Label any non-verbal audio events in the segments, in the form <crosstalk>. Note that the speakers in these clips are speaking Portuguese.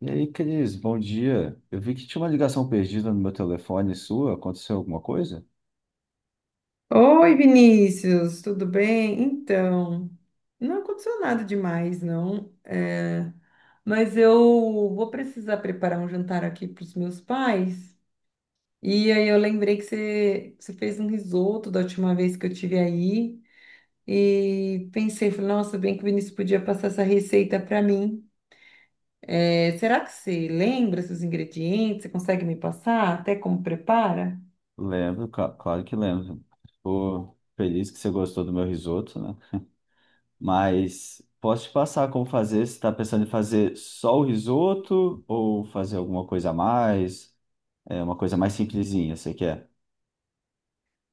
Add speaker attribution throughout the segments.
Speaker 1: E aí, Cris, bom dia. Eu vi que tinha uma ligação perdida no meu telefone sua. Aconteceu alguma coisa?
Speaker 2: Oi, Vinícius, tudo bem? Então, não aconteceu nada demais, não. Mas eu vou precisar preparar um jantar aqui para os meus pais. E aí eu lembrei que você fez um risoto da última vez que eu tive aí. E pensei, falei, nossa, bem que o Vinícius podia passar essa receita para mim. É, será que você lembra seus ingredientes? Você consegue me passar até como prepara?
Speaker 1: Lembro, claro que lembro. Tô feliz que você gostou do meu risoto, né? Mas posso te passar como fazer? Você está pensando em fazer só o risoto ou fazer alguma coisa a mais? É uma coisa mais simplesinha, você quer?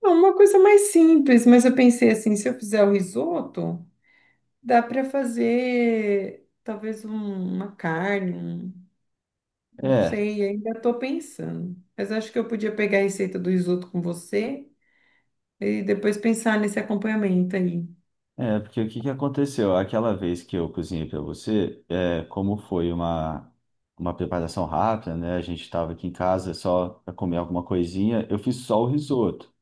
Speaker 2: Não, uma coisa mais simples, mas eu pensei assim, se eu fizer o risoto. Dá para fazer talvez uma carne, não
Speaker 1: É.
Speaker 2: sei, ainda estou pensando. Mas acho que eu podia pegar a receita do risoto com você e depois pensar nesse acompanhamento aí.
Speaker 1: Porque o que que aconteceu? Aquela vez que eu cozinhei para você, como foi uma preparação rápida, né? A gente estava aqui em casa só para comer alguma coisinha, eu fiz só o risoto.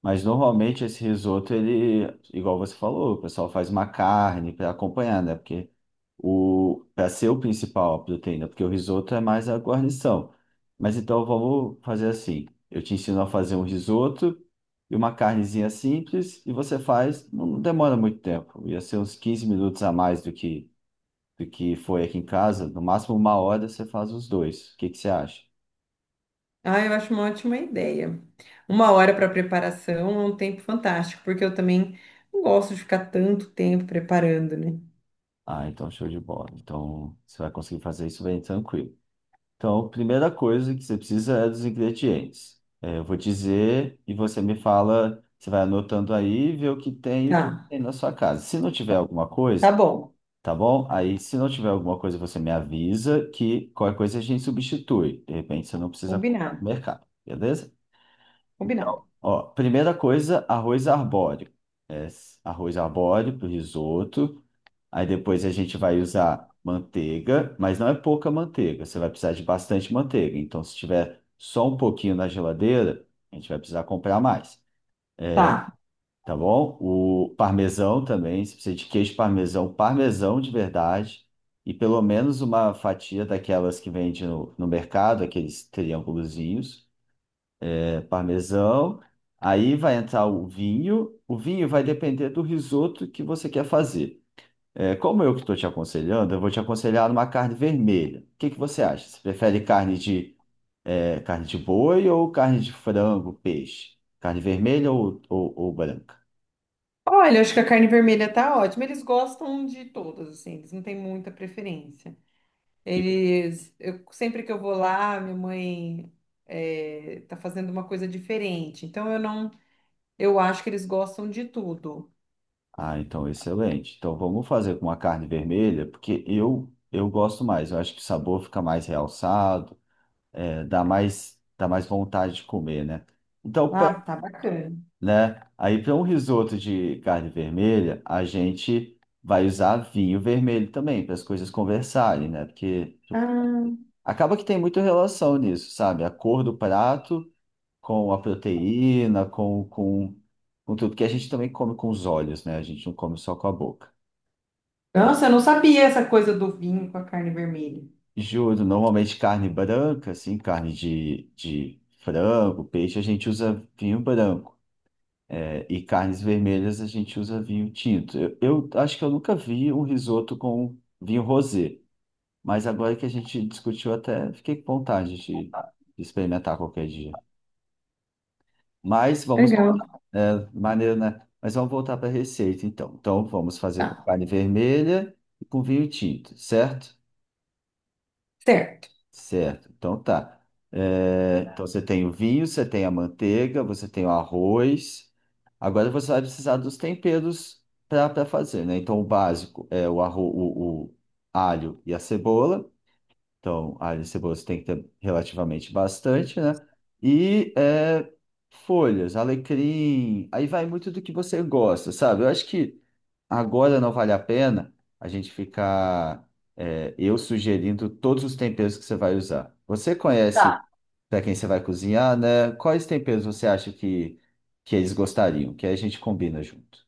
Speaker 1: Mas normalmente esse risoto, ele, igual você falou, o pessoal faz uma carne para acompanhar, né? Porque o para ser o principal a proteína, porque o risoto é mais a guarnição. Mas então vamos fazer assim. Eu te ensino a fazer um risoto e uma carnezinha simples e você faz, não demora muito tempo. Ia ser uns 15 minutos a mais do que foi aqui em casa, no máximo uma hora você faz os dois. O que que você acha?
Speaker 2: Ah, eu acho uma ótima ideia. Uma hora para preparação é um tempo fantástico, porque eu também não gosto de ficar tanto tempo preparando, né?
Speaker 1: Ah, então show de bola. Então você vai conseguir fazer isso bem tranquilo. Então, a primeira coisa que você precisa é dos ingredientes. É, eu vou dizer e você me fala, você vai anotando aí e vê o que tem e o
Speaker 2: Tá,
Speaker 1: que tem na sua casa. Se não tiver alguma
Speaker 2: tá
Speaker 1: coisa,
Speaker 2: bom.
Speaker 1: tá bom? Aí, se não tiver alguma coisa, você me avisa que qualquer coisa a gente substitui. De repente, você não precisa comprar
Speaker 2: Combinado,
Speaker 1: no mercado, beleza?
Speaker 2: combinado.
Speaker 1: Então, ó, primeira coisa, arroz arbóreo. É, arroz arbóreo para risoto. Aí depois a gente vai usar manteiga, mas não é pouca manteiga, você vai precisar de bastante manteiga. Então, se tiver só um pouquinho na geladeira, a gente vai precisar comprar mais,
Speaker 2: Tá.
Speaker 1: tá bom? O parmesão também, você precisa de queijo parmesão, parmesão de verdade, e pelo menos uma fatia daquelas que vende no mercado, aqueles triângulozinhos, é, parmesão. Aí vai entrar o vinho vai depender do risoto que você quer fazer. É, como eu que estou te aconselhando, eu vou te aconselhar uma carne vermelha. O que que você acha? Você prefere carne de, é, carne de boi ou carne de frango, peixe? Carne vermelha ou branca?
Speaker 2: Olha, acho que a carne vermelha tá ótima. Eles gostam de todas, assim, eles não têm muita preferência.
Speaker 1: E-
Speaker 2: Sempre que eu vou lá, minha mãe tá fazendo uma coisa diferente. Então eu não, eu acho que eles gostam de tudo.
Speaker 1: Ah, então excelente. Então vamos fazer com uma carne vermelha, porque eu gosto mais. Eu acho que o sabor fica mais realçado, é, dá mais vontade de comer, né? Então
Speaker 2: Ah, tá bacana.
Speaker 1: né? Aí para um risoto de carne vermelha, a gente vai usar vinho vermelho também, para as coisas conversarem, né? Porque tipo,
Speaker 2: Ah,
Speaker 1: acaba que tem muita relação nisso, sabe? A cor do prato com a proteína, com tudo, que a gente também come com os olhos, né? A gente não come só com a boca.
Speaker 2: nossa, eu não sabia essa coisa do vinho com a carne vermelha.
Speaker 1: Juro, normalmente carne branca, assim, carne de frango, peixe, a gente usa vinho branco. É, e carnes vermelhas a gente usa vinho tinto. Eu acho que eu nunca vi um risoto com vinho rosé, mas agora que a gente discutiu até fiquei com vontade de experimentar qualquer dia. Mas vamos
Speaker 2: Legal.
Speaker 1: voltar, é, maneiro, né? Mas vamos voltar para a receita então. Então vamos fazer com
Speaker 2: Tá,
Speaker 1: carne vermelha e com vinho tinto, certo?
Speaker 2: certo.
Speaker 1: Certo, então tá. É, então você tem o vinho, você tem a manteiga, você tem o arroz. Agora você vai precisar dos temperos para fazer, né? Então o básico é o alho e a cebola. Então, alho e cebola você tem que ter relativamente bastante, né? E é, folhas, alecrim. Aí vai muito do que você gosta, sabe? Eu acho que agora não vale a pena a gente ficar eu sugerindo todos os temperos que você vai usar. Você conhece
Speaker 2: Tá.
Speaker 1: para quem você vai cozinhar, né? Quais temperos você acha que eles gostariam? Que aí a gente combina junto.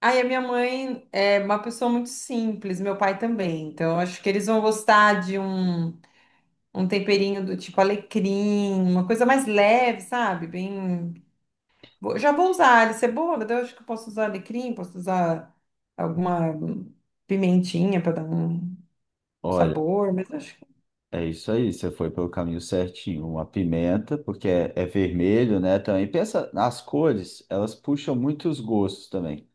Speaker 2: Aí a minha mãe é uma pessoa muito simples, meu pai também. Então eu acho que eles vão gostar de um temperinho do tipo alecrim, uma coisa mais leve, sabe? Bem já vou usar alho cebola, daí eu acho que eu posso usar alecrim, posso usar alguma pimentinha para dar um
Speaker 1: Olha,
Speaker 2: sabor, mas acho que
Speaker 1: é isso aí, você foi pelo caminho certinho. Uma pimenta, porque é, é vermelho, né? Também pensa, as cores, elas puxam muitos gostos também.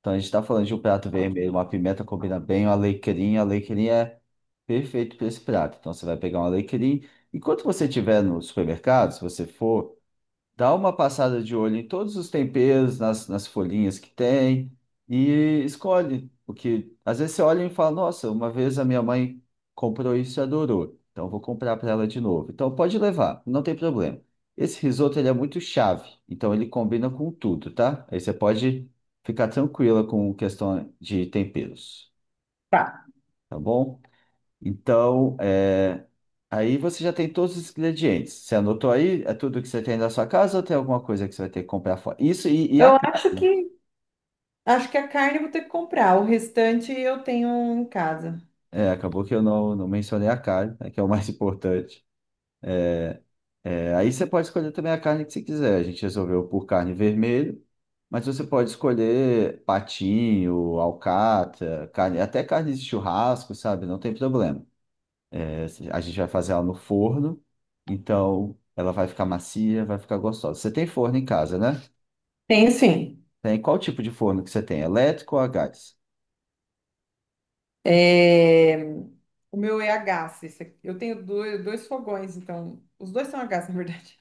Speaker 1: Então, a gente está falando de um prato vermelho, uma pimenta combina bem, um alecrim. Alecrim é perfeito para esse prato. Então, você vai pegar um alecrim enquanto você estiver no supermercado. Se você for, dá uma passada de olho em todos os temperos, nas folhinhas que tem e escolhe. O que às vezes você olha e fala: "Nossa, uma vez a minha mãe comprou isso e adorou, então eu vou comprar para ela de novo." Então pode levar, não tem problema. Esse risoto ele é muito chave, então ele combina com tudo, tá? Aí você pode ficar tranquila com questão de temperos,
Speaker 2: tá.
Speaker 1: tá bom? Então, é, aí você já tem todos os ingredientes. Você anotou aí? É tudo que você tem na sua casa ou tem alguma coisa que você vai ter que comprar fora? Isso e a
Speaker 2: eu
Speaker 1: carne.
Speaker 2: acho que Acho que a carne eu vou ter que comprar, o restante eu tenho em casa.
Speaker 1: É, acabou que eu não mencionei a carne, né, que é o mais <laughs> importante. É, aí você pode escolher também a carne que você quiser. A gente resolveu por carne vermelha, mas você pode escolher patinho, alcatra, carne, até carne de churrasco, sabe? Não tem problema. É, a gente vai fazer ela no forno, então ela vai ficar macia, vai ficar gostosa. Você tem forno em casa, né?
Speaker 2: Tem sim.
Speaker 1: Tem qual tipo de forno que você tem? Elétrico ou a gás?
Speaker 2: É, o meu é a gás. Esse aqui. Eu tenho dois fogões, então os dois são a gás, <laughs> na verdade.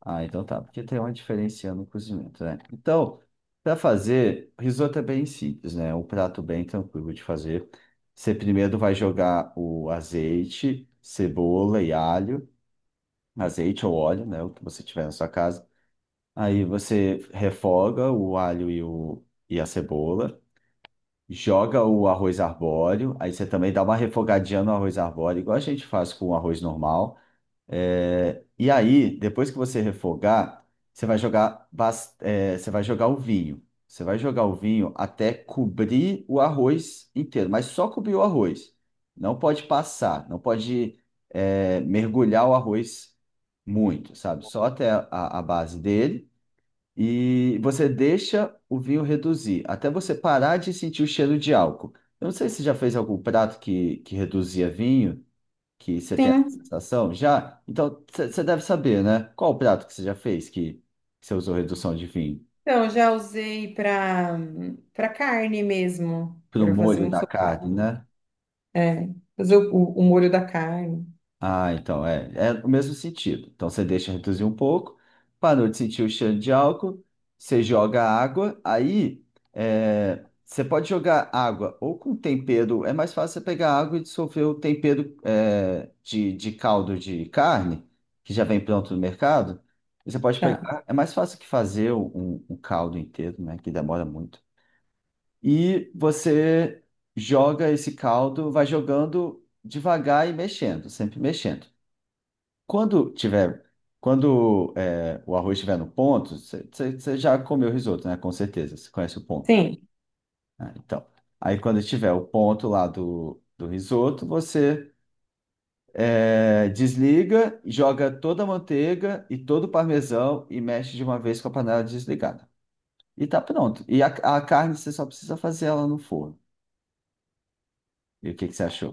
Speaker 1: Ah, então tá, porque tem uma diferença no cozimento, né? Então, para fazer, risoto é bem simples, né? É um prato bem tranquilo de fazer. Você primeiro vai jogar o azeite, cebola e alho, azeite ou óleo, né? O que você tiver na sua casa. Aí você refoga o alho e a cebola, joga o arroz arbóreo, aí você também dá uma refogadinha no arroz arbóreo, igual a gente faz com o arroz normal. É, e aí, depois que você refogar, você vai jogar, você vai jogar o vinho. Você vai jogar o vinho até cobrir o arroz inteiro, mas só cobrir o arroz. Não pode passar, não pode, é, mergulhar o arroz muito, sabe? Só até a base dele. E você deixa o vinho reduzir, até você parar de sentir o cheiro de álcool. Eu não sei se você já fez algum prato que reduzia vinho que você tem essa
Speaker 2: Sim.
Speaker 1: sensação? Já? Então, você deve saber, né? Qual o prato que você já fez que você usou redução de vinho?
Speaker 2: Então eu já usei para carne mesmo,
Speaker 1: Pro
Speaker 2: para fazer
Speaker 1: molho
Speaker 2: um
Speaker 1: da
Speaker 2: sopá,
Speaker 1: carne, né?
Speaker 2: é, fazer o molho da carne.
Speaker 1: Ah, então é o mesmo sentido. Então você deixa reduzir um pouco, parou de sentir o cheiro de álcool, você joga água, aí é, você pode jogar água ou com tempero, é mais fácil você pegar água e dissolver o tempero é, de caldo de carne, que já vem pronto no mercado. Você pode
Speaker 2: Tá.
Speaker 1: pegar, é mais fácil que fazer um, um caldo inteiro, né, que demora muito. E você joga esse caldo, vai jogando devagar e mexendo, sempre mexendo. Quando tiver, quando é, o arroz estiver no ponto, você já comeu risoto, né? Com certeza, você conhece o ponto.
Speaker 2: Sim,
Speaker 1: Ah, então, aí quando tiver o ponto lá do risoto, você é, desliga, joga toda a manteiga e todo o parmesão e mexe de uma vez com a panela desligada. E tá pronto. E a carne você só precisa fazer ela no forno. E o que que você achou?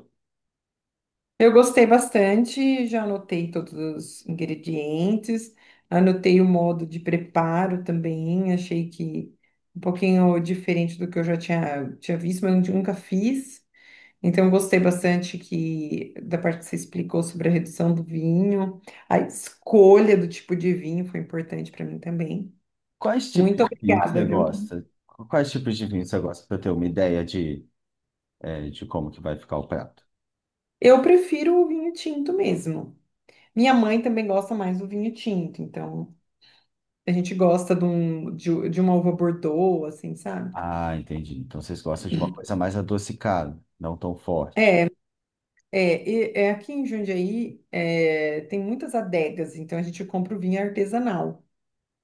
Speaker 2: eu gostei bastante, já anotei todos os ingredientes, anotei o modo de preparo também, achei que um pouquinho diferente do que eu já tinha visto, mas eu nunca fiz. Então, eu gostei bastante que da parte que você explicou sobre a redução do vinho, a escolha do tipo de vinho foi importante para mim também.
Speaker 1: Quais tipos
Speaker 2: Muito
Speaker 1: de vinho que
Speaker 2: obrigada,
Speaker 1: você
Speaker 2: viu?
Speaker 1: gosta? Quais tipos de vinho você gosta para ter uma ideia de, é, de como que vai ficar o prato?
Speaker 2: Eu prefiro o vinho tinto mesmo. Minha mãe também gosta mais do vinho tinto, então. A gente gosta de uma uva Bordeaux, assim, sabe?
Speaker 1: Ah, entendi. Então vocês gostam de uma coisa mais adocicada, não tão forte.
Speaker 2: É, é aqui em Jundiaí é, tem muitas adegas, então a gente compra o vinho artesanal.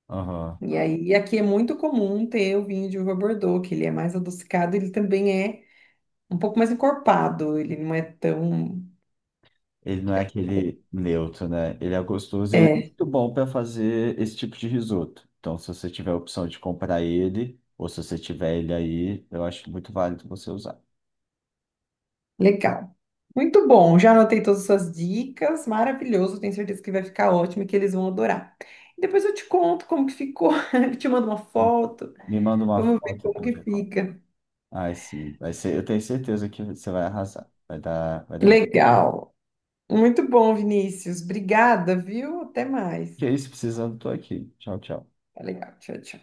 Speaker 1: Aham.
Speaker 2: E aí aqui é muito comum ter o vinho de uva Bordeaux, que ele é mais adocicado, ele também é um pouco mais encorpado, ele não é tão
Speaker 1: Ele não é aquele neutro, né? Ele é gostoso e ele é
Speaker 2: é,
Speaker 1: muito bom para fazer esse tipo de risoto. Então, se você tiver a opção de comprar ele, ou se você tiver ele aí, eu acho muito válido você usar.
Speaker 2: legal. Muito bom, já anotei todas as suas dicas, maravilhoso, tenho certeza que vai ficar ótimo e que eles vão adorar. E depois eu te conto como que ficou, <laughs> te mando uma foto,
Speaker 1: Me manda uma
Speaker 2: vamos ver
Speaker 1: foto
Speaker 2: como
Speaker 1: para
Speaker 2: que
Speaker 1: ver.
Speaker 2: fica.
Speaker 1: Ai, sim. Vai ser, eu tenho certeza que você vai arrasar. Vai dar muito.
Speaker 2: Legal. Muito bom, Vinícius. Obrigada, viu? Até mais.
Speaker 1: Que é isso, precisando, tô aqui. Tchau, tchau.
Speaker 2: Tá legal. Tchau, tchau.